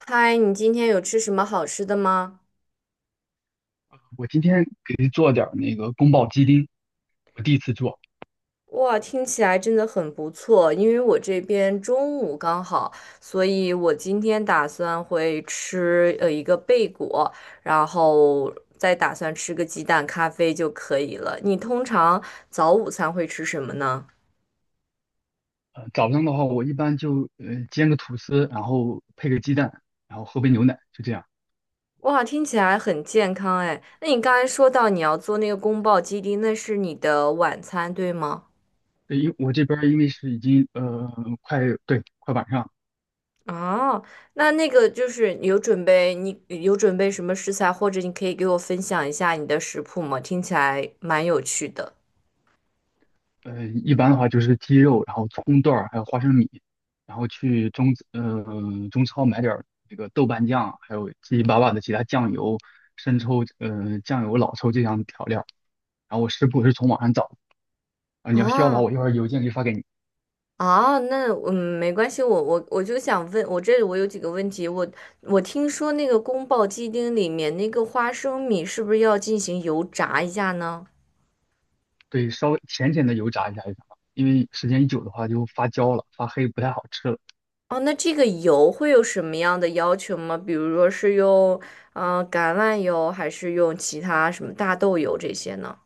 嗨，你今天有吃什么好吃的吗？我今天给做点儿那个宫保鸡丁，我第一次做。哇，听起来真的很不错，因为我这边中午刚好，所以我今天打算会吃一个贝果，然后再打算吃个鸡蛋咖啡就可以了。你通常早午餐会吃什么呢？早上的话，我一般就煎个吐司，然后配个鸡蛋，然后喝杯牛奶，就这样。哇，听起来很健康哎。那你刚才说到你要做那个宫保鸡丁，那是你的晚餐，对吗？因我这边儿因为是已经快晚上，哦，那那个就是有准备，你有准备什么食材，或者你可以给我分享一下你的食谱吗？听起来蛮有趣的。一般的话就是鸡肉，然后葱段儿，还有花生米，然后去中超买点儿那个豆瓣酱，还有七七八八的其他酱油、生抽、酱油、老抽这样的调料。然后我食谱是从网上找的啊，你要需要的啊话，我一会儿邮件可以发给你。啊，那嗯，没关系，我就想问，我这里我有几个问题，我我听说那个宫爆鸡丁里面那个花生米是不是要进行油炸一下呢？对，稍微浅浅的油炸一下就行了，因为时间一久的话就发焦了，发黑不太好吃了。哦，那这个油会有什么样的要求吗？比如说是用橄榄油，还是用其他什么大豆油这些呢？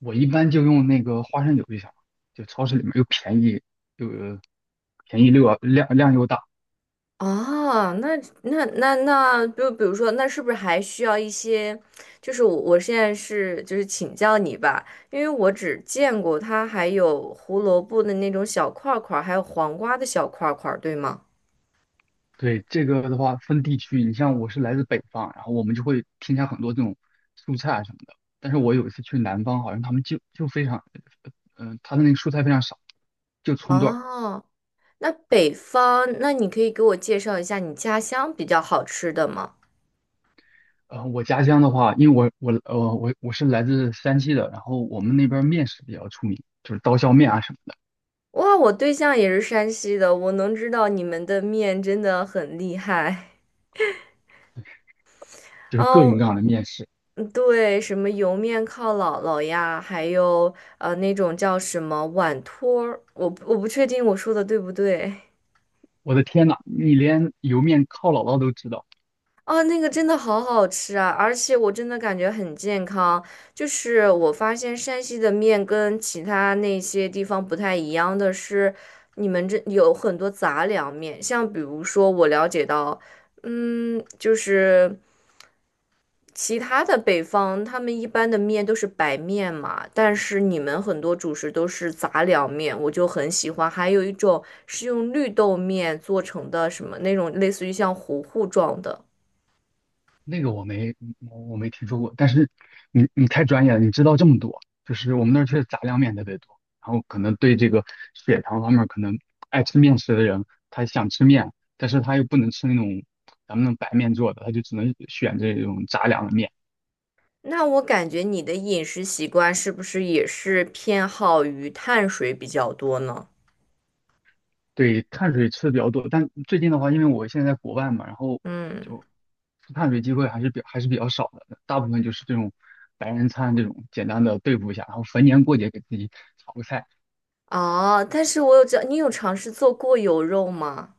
我一般就用那个花生油就行了，就超市里面又便宜又便宜又要量又大。哦，那，就比如说，那是不是还需要一些？就是我现在是就是请教你吧，因为我只见过它还有胡萝卜的那种小块儿块儿，还有黄瓜的小块儿块儿，对吗？对，这个的话分地区，你像我是来自北方，然后我们就会添加很多这种蔬菜啊什么的。但是我有一次去南方，好像他们就非常，他的那个蔬菜非常少，就葱段。哦，那北方，那你可以给我介绍一下你家乡比较好吃的吗？我家乡的话，因为我是来自山西的，然后我们那边儿面食比较出名，就是刀削面啊什么的，哇，我对象也是山西的，我能知道你们的面真的很厉害。就是各种哦，各样的面食。嗯对，什么油面靠姥姥呀，还有那种叫什么碗托儿，我不确定我说的对不对。我的天呐，你连油面靠姥姥都知道，哦，那个真的好好吃啊，而且我真的感觉很健康。就是我发现山西的面跟其他那些地方不太一样的是，你们这有很多杂粮面，像比如说我了解到，嗯，就是。其他的北方，他们一般的面都是白面嘛，但是你们很多主食都是杂粮面，我就很喜欢。还有一种是用绿豆面做成的，什么那种类似于像糊糊状的。那个我没听说过。但是你你太专业了，你知道这么多，就是我们那儿确实杂粮面特别多，然后可能对这个血糖方面可能爱吃面食的人，他想吃面，但是他又不能吃那种咱们那种白面做的，他就只能选这种杂粮的面。那我感觉你的饮食习惯是不是也是偏好于碳水比较多呢？对，碳水吃的比较多，但最近的话，因为我现在在国外嘛，然后嗯，就吃碳水机会还是比较少的，大部分就是这种白人餐这种简单的对付一下，然后逢年过节给自己炒个菜。哦，但是我有知道，你有尝试做过油肉吗？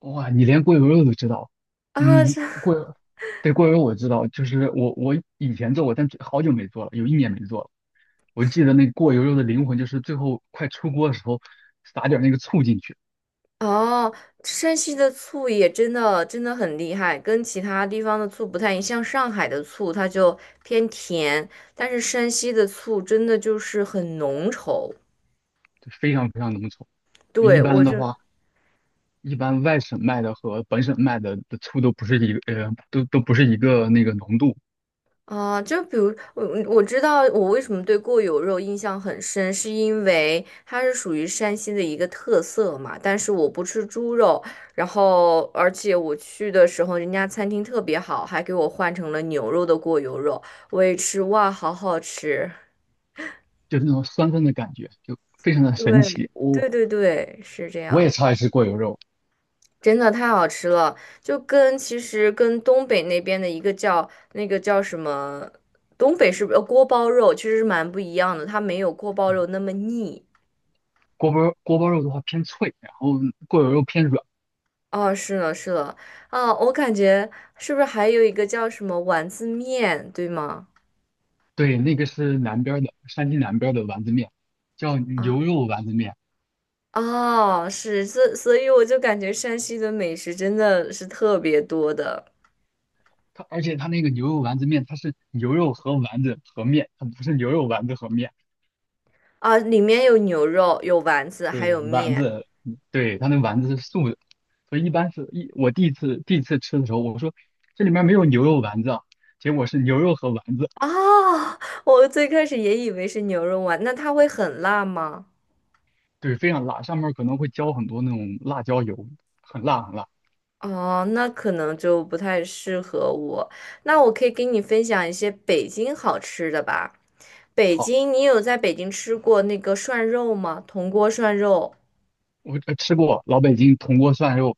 哇，你连过油肉都知道？啊，嗯，这。对，过油肉我知道，就是我以前做过，但好久没做了，有一年没做了。我记得那个过油肉的灵魂就是最后快出锅的时候撒点儿那个醋进去，哦，山西的醋也真的真的很厉害，跟其他地方的醋不太一样。像上海的醋，它就偏甜，但是山西的醋真的就是很浓稠。就非常非常浓稠。一对，般我的就。话，一般外省卖的和本省卖的的醋都不是一个，都不是一个那个浓度，啊，就比如我知道我为什么对过油肉印象很深，是因为它是属于山西的一个特色嘛。但是我不吃猪肉，然后而且我去的时候，人家餐厅特别好，还给我换成了牛肉的过油肉，我也吃，哇，好好吃。就是那种酸酸的感觉，就非常的神对，奇。对对对，是这我也样。超爱吃过油肉。真的太好吃了，就跟其实跟东北那边的一个叫那个叫什么，东北是不是锅包肉，其实是蛮不一样的，它没有锅包肉那么腻。锅包肉的话偏脆，然后过油肉偏软。哦，是了是了，啊，我感觉是不是还有一个叫什么丸子面，对吗？对，那个是南边儿的，山西南边儿的丸子面，叫啊，牛肉丸子面。哦，是，所以我就感觉山西的美食真的是特别多的。而且它那个牛肉丸子面，它是牛肉和丸子和面，它不是牛肉丸子和面。啊，里面有牛肉，有丸子，还对，有丸面。子，嗯对，它那丸子是素的，所以一般是一我第一次吃的时候，我说这里面没有牛肉丸子啊，结果是牛肉和丸子，啊，我最开始也以为是牛肉丸，那它会很辣吗？对，非常辣，上面可能会浇很多那种辣椒油，很辣很辣。哦，那可能就不太适合我。那我可以给你分享一些北京好吃的吧。北好，京，你有在北京吃过那个涮肉吗？铜锅涮肉，我吃过老北京铜锅涮肉，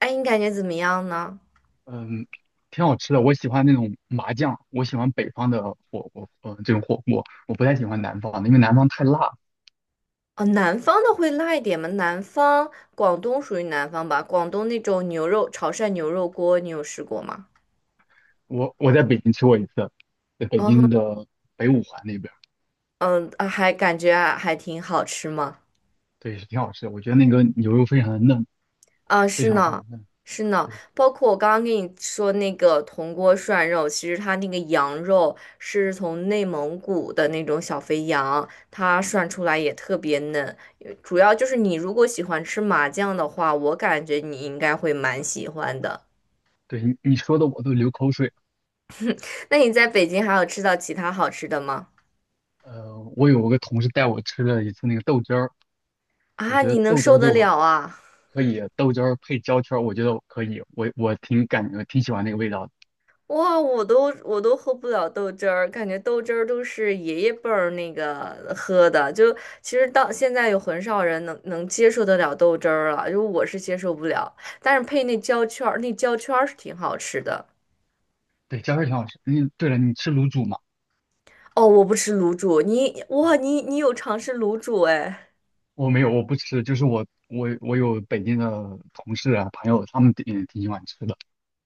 哎，你感觉怎么样呢？嗯，挺好吃的，我喜欢那种麻酱，我喜欢北方的火锅，嗯，这种火锅，我不太喜欢南方的，因为南方太辣。哦，南方的会辣一点吗？南方，广东属于南方吧？广东那种啊牛肉，潮汕牛肉锅，你有试过吗？我我在北京吃过一次，在北嗯京的北五环那边。嗯，啊还感觉啊还挺好吃吗？对，是挺好吃的。我觉得那个牛肉非常的嫩，啊，非是常非常呢，嫩。是呢，对，包括我刚刚跟你说那个铜锅涮肉，其实它那个羊肉是从内蒙古的那种小肥羊，它涮出来也特别嫩。主要就是你如果喜欢吃麻酱的话，我感觉你应该会蛮喜欢的。对你你说的我都流口水了。那你在北京还有吃到其他好吃的吗？我有个同事带我吃了一次那个豆汁儿，我啊，觉得你能豆汁受儿对得我了啊？可以，豆汁儿配焦圈儿，我觉得我可以，我挺感觉挺喜欢那个味道的。哇，我都喝不了豆汁儿，感觉豆汁儿都是爷爷辈儿那个喝的，就其实到现在有很少人能接受得了豆汁儿了，就我是接受不了，但是配那焦圈儿，那焦圈儿是挺好吃的。对，焦圈儿挺好吃。嗯，对了，你吃卤煮吗？哦，我不吃卤煮，你啊，哇，你你有尝试卤煮哎？我没有，我不吃，就是我有北京的同事啊朋友，他们挺喜欢吃的。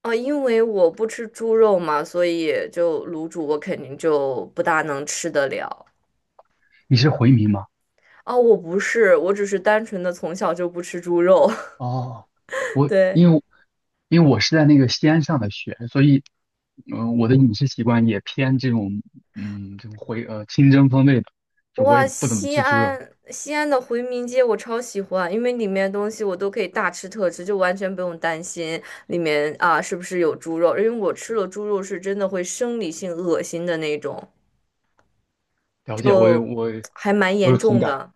哦，因为我不吃猪肉嘛，所以就卤煮我肯定就不大能吃得了。你是回民吗？哦，我不是，我只是单纯的从小就不吃猪肉，哦，我对。因为因为我是在那个西安上的学，所以，我的饮食习惯也偏这种，嗯，这种清蒸风味的，就我也哇，不怎么西吃猪肉。安西安的回民街我超喜欢，因为里面东西我都可以大吃特吃，就完全不用担心里面啊是不是有猪肉，因为我吃了猪肉是真的会生理性恶心的那种，了解，还蛮我严有同重感，的。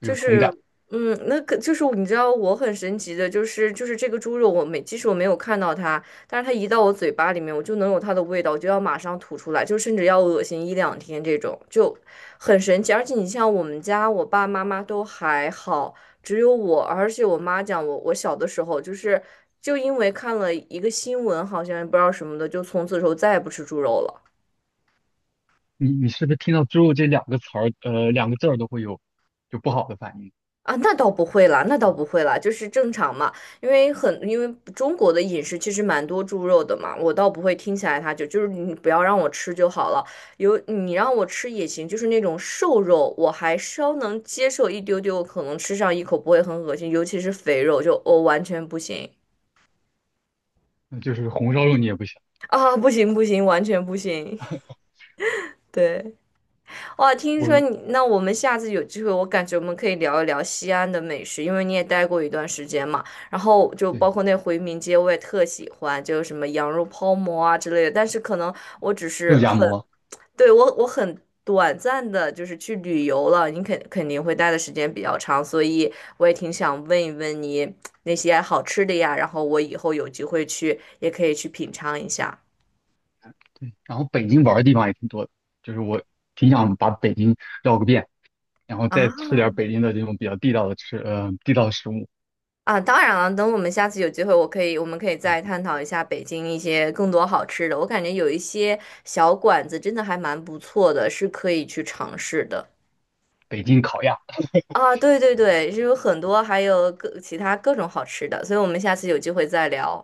我就有同是，感。嗯，那个就是你知道我很神奇的，就是这个猪肉，我没即使我没有看到它，但是它一到我嘴巴里面，我就能有它的味道，我就要马上吐出来，就甚至要恶心一两天这种，就很神奇。而且你像我们家，我爸妈妈都还好，只有我，而且我妈讲我，我小的时候就是就因为看了一个新闻，好像不知道什么的，就从此之后再也不吃猪肉了。你你是不是听到"猪肉"这两个词儿，两个字儿都会有就不好的反应啊，那倒不会啦，那倒啊？不会啦，就是正常嘛，因为中国的饮食其实蛮多猪肉的嘛，我倒不会听起来它就是你不要让我吃就好了，有你让我吃也行，就是那种瘦肉我还稍能接受一丢丢，可能吃上一口不会很恶心，尤其是肥肉就我、哦完全不行。那就是红烧肉你也不行，啊，不行不行，完全不行，对。哇，听说我你，那我们下次有机会，我感觉我们可以聊一聊西安的美食，因为你也待过一段时间嘛。然后就包对括那回民街，我也特喜欢，就是什么羊肉泡馍啊之类的。但是可能我只是肉夹很，馍，对，我我很短暂的，就是去旅游了，你肯定会待的时间比较长，所以我也挺想问一问你那些好吃的呀，然后我以后有机会去也可以去品尝一下。对，然后北京玩儿的地方也挺多的，就是我挺想把北京绕个遍。然后啊，再吃点儿北京的这种比较地道的地道的食物，啊，当然了，等我们下次有机会，我可以，我们可以再探讨一下北京一些更多好吃的。我感觉有一些小馆子真的还蛮不错的，是可以去尝试的。北京烤鸭。啊，对对对，是有很多，还有各其他各种好吃的，所以我们下次有机会再聊。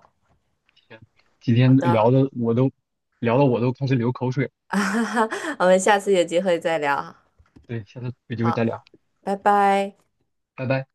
天今好天的，聊的我都聊的我都开始流口水，我们下次有机会再聊。对，下次有机会好，再聊，拜拜。拜拜。